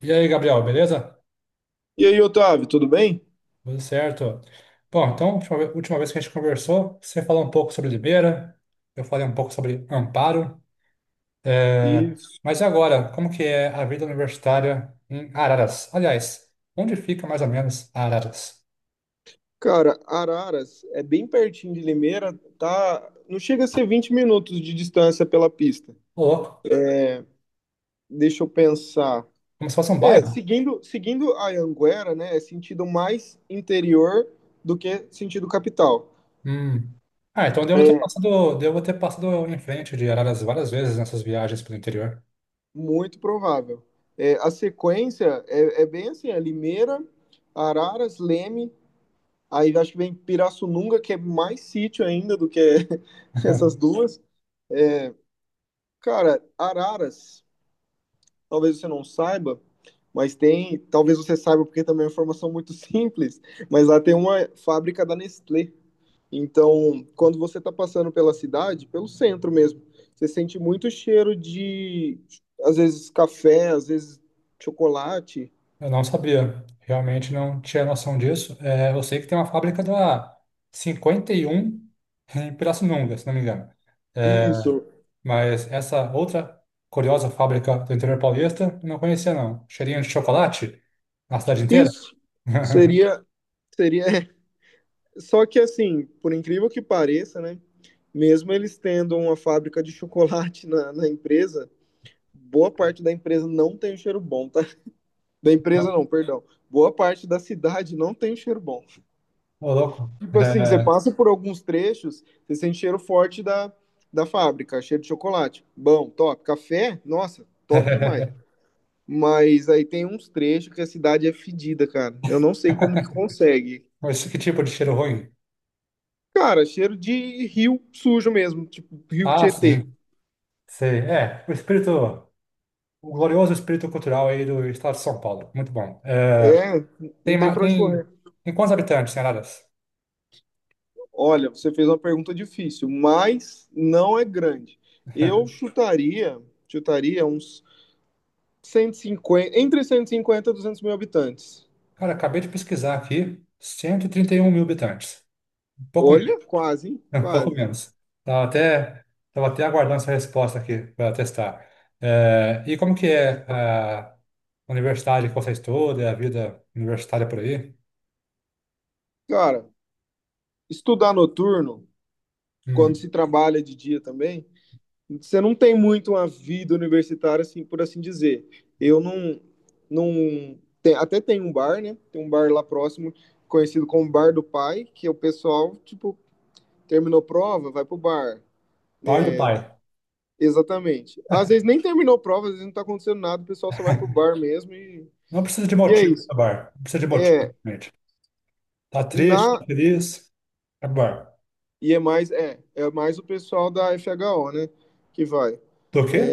E aí, Gabriel, beleza? E aí, Otávio, tudo bem? Tudo certo. Bom, então, última vez que a gente conversou, você falou um pouco sobre Limeira, eu falei um pouco sobre Amparo. É, E, mas e agora, como que é a vida universitária em Araras? Aliás, onde fica mais ou menos Araras? cara, Araras é bem pertinho de Limeira, tá? Não chega a ser 20 minutos de distância pela pista. Ô, louco, Deixa eu pensar. como se fosse um É, bairro? seguindo a Anguera, né? É sentido mais interior do que sentido capital. Hum. Ah, então eu É devo ter passado em frente de Araras várias vezes nessas viagens pelo interior. muito provável. É, a sequência é bem assim: é Limeira, Araras, Leme, aí acho que vem Pirassununga, que é mais sítio ainda do que essas duas. Cara, Araras talvez você não saiba, mas tem, talvez você saiba porque também é uma informação muito simples, mas lá tem uma fábrica da Nestlé. Então, quando você está passando pela cidade, pelo centro mesmo, você sente muito cheiro de, às vezes, café, às vezes, chocolate. Eu não sabia, realmente não tinha noção disso. É, eu sei que tem uma fábrica da 51 em Pirassununga, se não me engano. É, Isso, mas essa outra curiosa fábrica do interior paulista, eu não conhecia não. Cheirinho de chocolate na cidade inteira? isso seria, seria. Só que assim, por incrível que pareça, né? Mesmo eles tendo uma fábrica de chocolate na empresa, boa parte da empresa não tem um cheiro bom, tá? Da empresa Não. não, perdão. Boa parte da cidade não tem cheiro bom. Ô, louco. Tipo assim, você É... passa por alguns trechos, você sente cheiro forte da fábrica, cheiro de chocolate. Bom, top. Café, nossa, top demais. Mas aí tem uns trechos que a cidade é fedida, cara. Eu não sei como que consegue. Mas que tipo de cheiro ruim? Cara, cheiro de rio sujo mesmo, tipo rio Ah, sim. Tietê. Sei. É, o glorioso espírito cultural aí do estado de São Paulo. Muito bom. É, É, não Tem, tem ma- pra onde correr. tem, tem quantos habitantes em Araras? Olha, você fez uma pergunta difícil, mas não é grande. Eu chutaria uns 150 entre 150 e 200 mil habitantes. Cara, acabei de pesquisar aqui, cento e trinta e um mil habitantes. Um pouco menos, Olha, quase, um pouco quase. menos. Tava até, tava até aguardando essa resposta aqui para testar. É, e como que é a universidade que você estuda, a vida universitária por aí? Cara, estudar noturno, quando Hum, se trabalha de dia também, você não tem muito uma vida universitária, assim, por assim dizer. Eu não. Não tem, até tem um bar, né? Tem um bar lá próximo, conhecido como Bar do Pai, que o pessoal, tipo, terminou prova, vai pro bar. pai do pai. Exatamente. Às vezes nem terminou prova, às vezes não tá acontecendo nada, o pessoal só vai pro bar mesmo e, Não precisa de e é motivo isso. para bar. Não precisa de motivo, É, gente. Tá triste, tá na, feliz? Tá bar. E é mais o pessoal da FHO, né? Que vai. Do quê?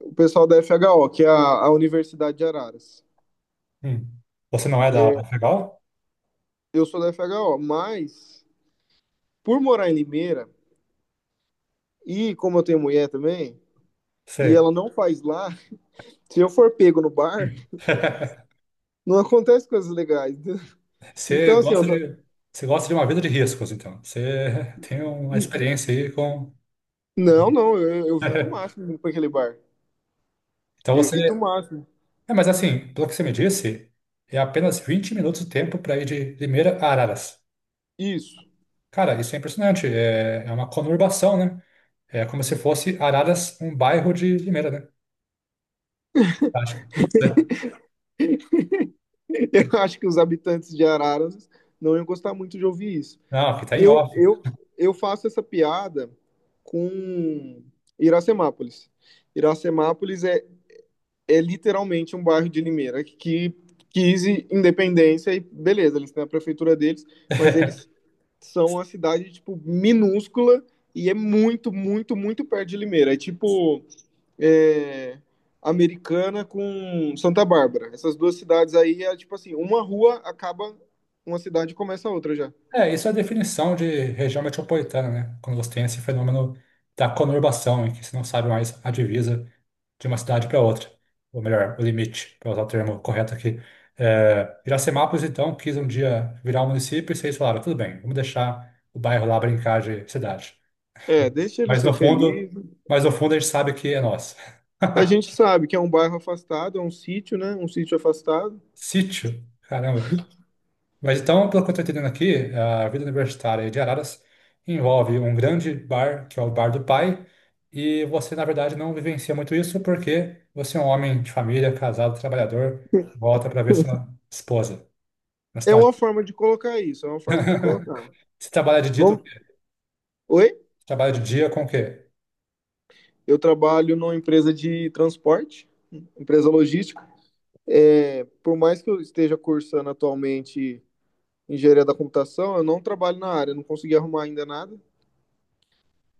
O pessoal da FHO, que é a Universidade de Araras. Hum, você não é da FEGAL? Eu sou da FHO, mas por morar em Limeira, e como eu tenho mulher também, e Sei. ela não faz lá, se eu for pego no bar, não acontece coisas legais, né? Você Então, assim, eu gosta não, de, você gosta de uma vida de riscos, então. Você tem uma experiência aí com. não, não, eu evito o máximo para aquele bar. Então você. Evito o máximo. É, mas assim, pelo que você me disse, é apenas 20 minutos de tempo para ir de Limeira a Araras. Isso. Cara, isso é impressionante. É, é uma conurbação, né? É como se fosse Araras um bairro de Limeira, né? Acho. Que- é. Eu acho que os habitantes de Araras não iam gostar muito de ouvir isso. Não, aqui tá em Eu, off. eu, eu faço essa piada com Iracemápolis. Iracemápolis é literalmente um bairro de Limeira que quis independência e beleza, eles têm a prefeitura deles, mas eles são uma cidade tipo minúscula e é muito, muito, muito perto de Limeira. É tipo é, Americana com Santa Bárbara. Essas duas cidades aí é tipo assim, uma rua acaba uma cidade e começa a outra já. É, isso é a definição de região metropolitana, né? Quando você tem esse fenômeno da conurbação, em que você não sabe mais a divisa de uma cidade para outra, ou melhor, o limite, para usar o termo correto aqui. É, Iracemápolis, então, quis um dia virar um município e vocês falaram, tudo bem, vamos deixar o bairro lá brincar de cidade. É, deixa ele Mas no ser fundo, feliz. mas no fundo a gente sabe que é nosso. A gente sabe que é um bairro afastado, é um sítio, né? Um sítio afastado. Sítio? Caramba. Mas então, pelo que eu estou entendendo aqui, a vida universitária de Araras envolve um grande bar, que é o bar do pai, e você, na verdade, não vivencia muito isso porque você é um homem de família, casado, trabalhador, volta para ver sua esposa na É cidade. uma forma de colocar isso, é uma forma de colocar. Você trabalha de dia, Vamos. Oi? trabalha de dia com o quê? Eu trabalho numa empresa de transporte, empresa logística. É, por mais que eu esteja cursando atualmente engenharia da computação, eu não trabalho na área, não consegui arrumar ainda nada.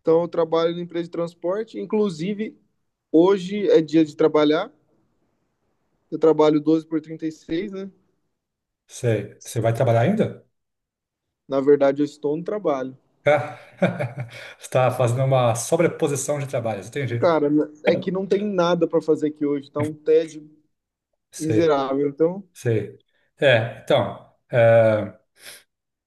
Então, eu trabalho na empresa de transporte. Inclusive, hoje é dia de trabalhar. Eu trabalho 12 por 36, né? Sei. Você vai trabalhar ainda? Na verdade, eu estou no trabalho. Ah, você está fazendo uma sobreposição de trabalhos, entendi. Cara, é que não tem nada pra fazer aqui hoje, tá um tédio Sei, miserável. Então, sei. É, então.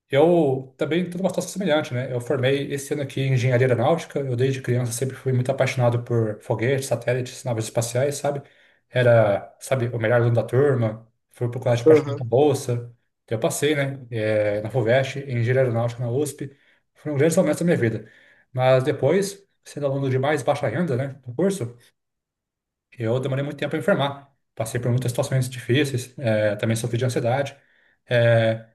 Eu também estou numa situação semelhante, né? Eu formei esse ano aqui em engenharia aeronáutica. Eu, desde criança, sempre fui muito apaixonado por foguetes, satélites, naves espaciais, sabe? Era, sabe, o melhor aluno da turma. Fui pro colégio particular com aham. bolsa. Eu passei, né? Na FUVEST, em engenharia aeronáutica na USP. Foram grandes momentos da minha vida. Mas depois, sendo aluno de mais baixa renda, né? No curso, eu demorei muito tempo para enfermar. Passei por muitas situações difíceis, também sofri de ansiedade. Eh,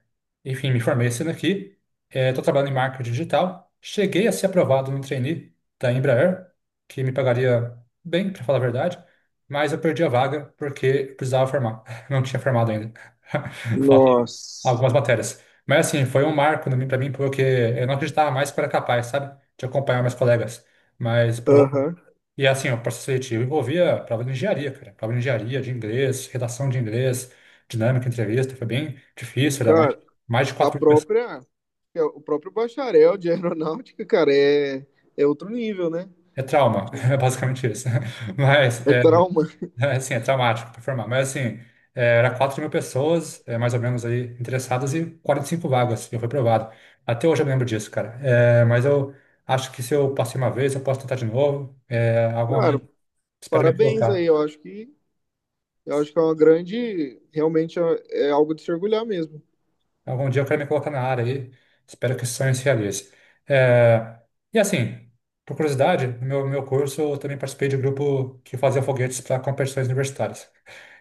enfim, me formei esse ano aqui. Estou trabalhando em marketing digital. Cheguei a ser aprovado no trainee da Embraer, que me pagaria bem, para falar a verdade, mas eu perdi a vaga porque eu precisava formar. Não tinha formado ainda. Faltam Nossa. algumas matérias. Mas assim, foi um marco para mim, pra mim, porque eu não acreditava mais que eu era capaz, sabe, de acompanhar meus colegas. Mas prova- Aham. e é assim, o processo seletivo envolvia prova de engenharia, cara. Prova de engenharia, de inglês, redação de inglês, dinâmica, entrevista. Foi bem difícil, Cara, mais de a 4.000 pessoas. própria, o próprio bacharel de aeronáutica, cara, é outro nível, né? É trauma, é basicamente isso. Mas, É é, trauma. é, assim, é traumático performar. Mas, assim, é, era 4.000 pessoas, é, mais ou menos, aí, interessadas e 45 vagas. Eu fui aprovado. Até hoje eu me lembro disso, cara. É, mas eu acho que se eu passei uma vez, eu posso tentar de novo. É, algum Cara, momento, espero me parabéns aí. colocar. Eu acho que é uma grande, realmente é algo de se orgulhar mesmo. Algum dia eu quero me colocar na área aí. Espero que esse sonho se realize. É, e assim, por curiosidade, no meu, meu curso eu também participei de um grupo que fazia foguetes para competições universitárias.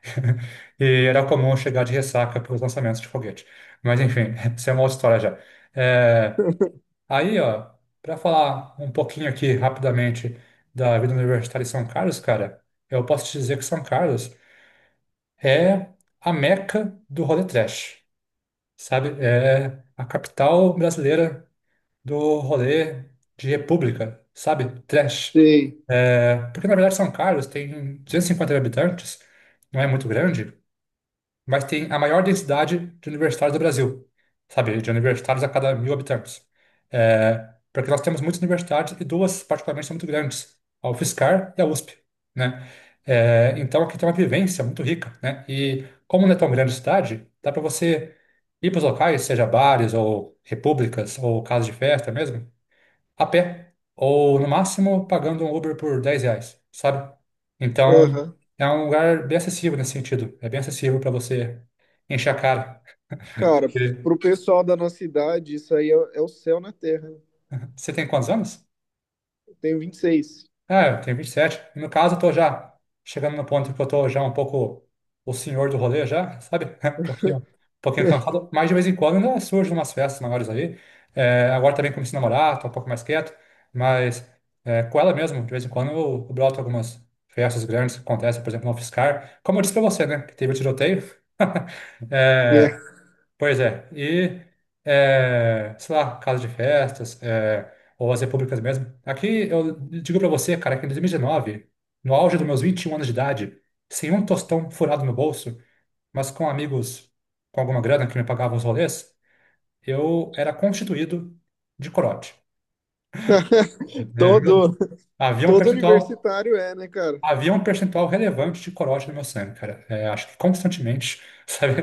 E era comum chegar de ressaca para os lançamentos de foguete. Mas enfim, isso é uma outra história já. É, aí, ó, para falar um pouquinho aqui rapidamente da vida universitária em São Carlos, cara, eu posso te dizer que São Carlos é a meca do rolê trash, sabe? É a capital brasileira do rolê de república, sabe? Trash. Sei. É, porque na verdade São Carlos tem 250 habitantes, não é muito grande, mas tem a maior densidade de universitários do Brasil, sabe? De universitários a cada mil habitantes. É, porque nós temos muitas universidades e duas, particularmente, são muito grandes, a UFSCar e a USP, né? É, então aqui tem uma vivência muito rica, né? E como não é tão grande a cidade, dá para você ir para os locais, seja bares ou repúblicas ou casas de festa mesmo, a pé, ou no máximo pagando um Uber por R$ 10, sabe? Então, Aham. é um lugar bem acessível nesse sentido. É bem acessível para você encher a cara. Cara, E pro pessoal da nossa idade, isso aí é o céu na terra, né? você tem quantos anos? Eu tenho 26. É, eu tenho 27. E sete. E no caso, eu tô já chegando no ponto que eu tô já um pouco o senhor do rolê já, sabe? Um pouquinho cansado. Mas de vez em quando ainda surgem umas festas maiores aí. É, agora também comecei a namorar, tô um pouco mais quieto. Mas é, com ela mesmo, de vez em quando eu broto algumas festas grandes que acontecem, por exemplo, no Fiscar. Como eu disse pra você, né? Que teve o tiroteio. É, É. pois é, e, é, sei lá, casa de festas, é, ou as repúblicas mesmo. Aqui eu digo pra você, cara, que em 2019, no auge dos meus 21 anos de idade, sem um tostão furado no bolso, mas com amigos com alguma grana que me pagavam os rolês, eu era constituído de corote. É, meu, Todo havia um Todo percentual. universitário é, né, cara? Havia um percentual relevante de corote no meu sangue, cara. É, acho que constantemente, sabe?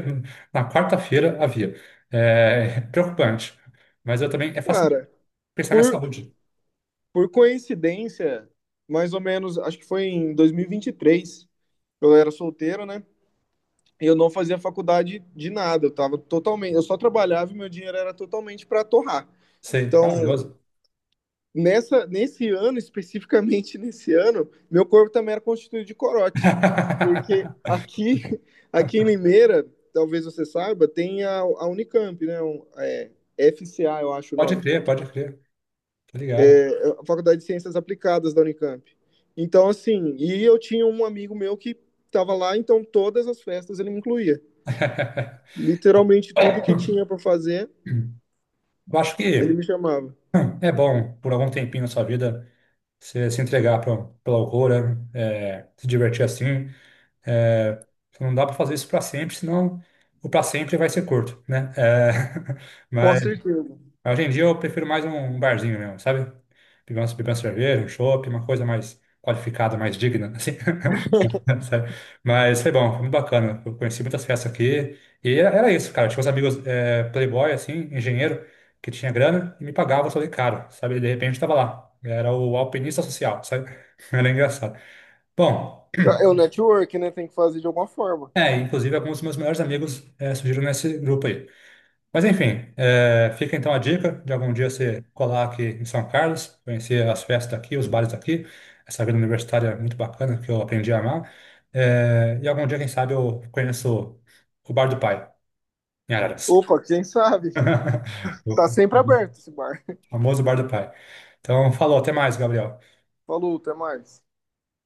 Na quarta-feira havia. É, preocupante. Mas eu também, é fácil Cara, pensar na minha por, saúde. por coincidência, mais ou menos, acho que foi em dois mil e vinte e três. Eu era solteiro, né? E eu não fazia faculdade de nada, eu tava totalmente, eu só trabalhava e meu dinheiro era totalmente para torrar. Sei, Então, maravilhoso. Nesse ano, especificamente nesse ano, meu corpo também era constituído de corote, porque aqui, aqui em Limeira, talvez você saiba, tem a Unicamp, né? FCA, eu acho o Pode nome crer, pode crer. Tô ligado. a Faculdade de Ciências Aplicadas da Unicamp. Então, assim, e eu tinha um amigo meu que estava lá, então todas as festas ele me incluía. Literalmente tudo que tinha para fazer, Eu acho ele que me chamava. é bom, por algum tempinho na sua vida, você se entregar pra, pela loucura, é, se divertir assim. É, não dá para fazer isso para sempre, senão o para sempre vai ser curto, né? É, Com mas certeza. hoje em dia eu prefiro mais um barzinho mesmo, sabe? Beber uma cerveja, um chopp, uma coisa mais qualificada, mais digna, assim, sabe? Mas foi bom, foi muito bacana. Eu conheci muitas festas aqui e era isso, cara. Tinha uns amigos é, playboy, assim, engenheiro, que tinha grana e me pagava só de caro, sabe? E de repente estava lá. Era o alpinista social, sabe? Era engraçado. Bom. É o network, né? Tem que fazer de alguma forma. É, inclusive alguns dos meus melhores amigos é, surgiram nesse grupo aí. Mas enfim, é, fica então a dica de algum dia você colar aqui em São Carlos, conhecer as festas daqui, os bares daqui, essa vida universitária é muito bacana que eu aprendi a amar. É, e algum dia, quem sabe, eu conheço o Bar do Pai, em Araras. Opa, quem sabe? Tá O sempre aberto esse bar. famoso Bar do Pai. Então, falou, até mais, Gabriel. Falou, até mais.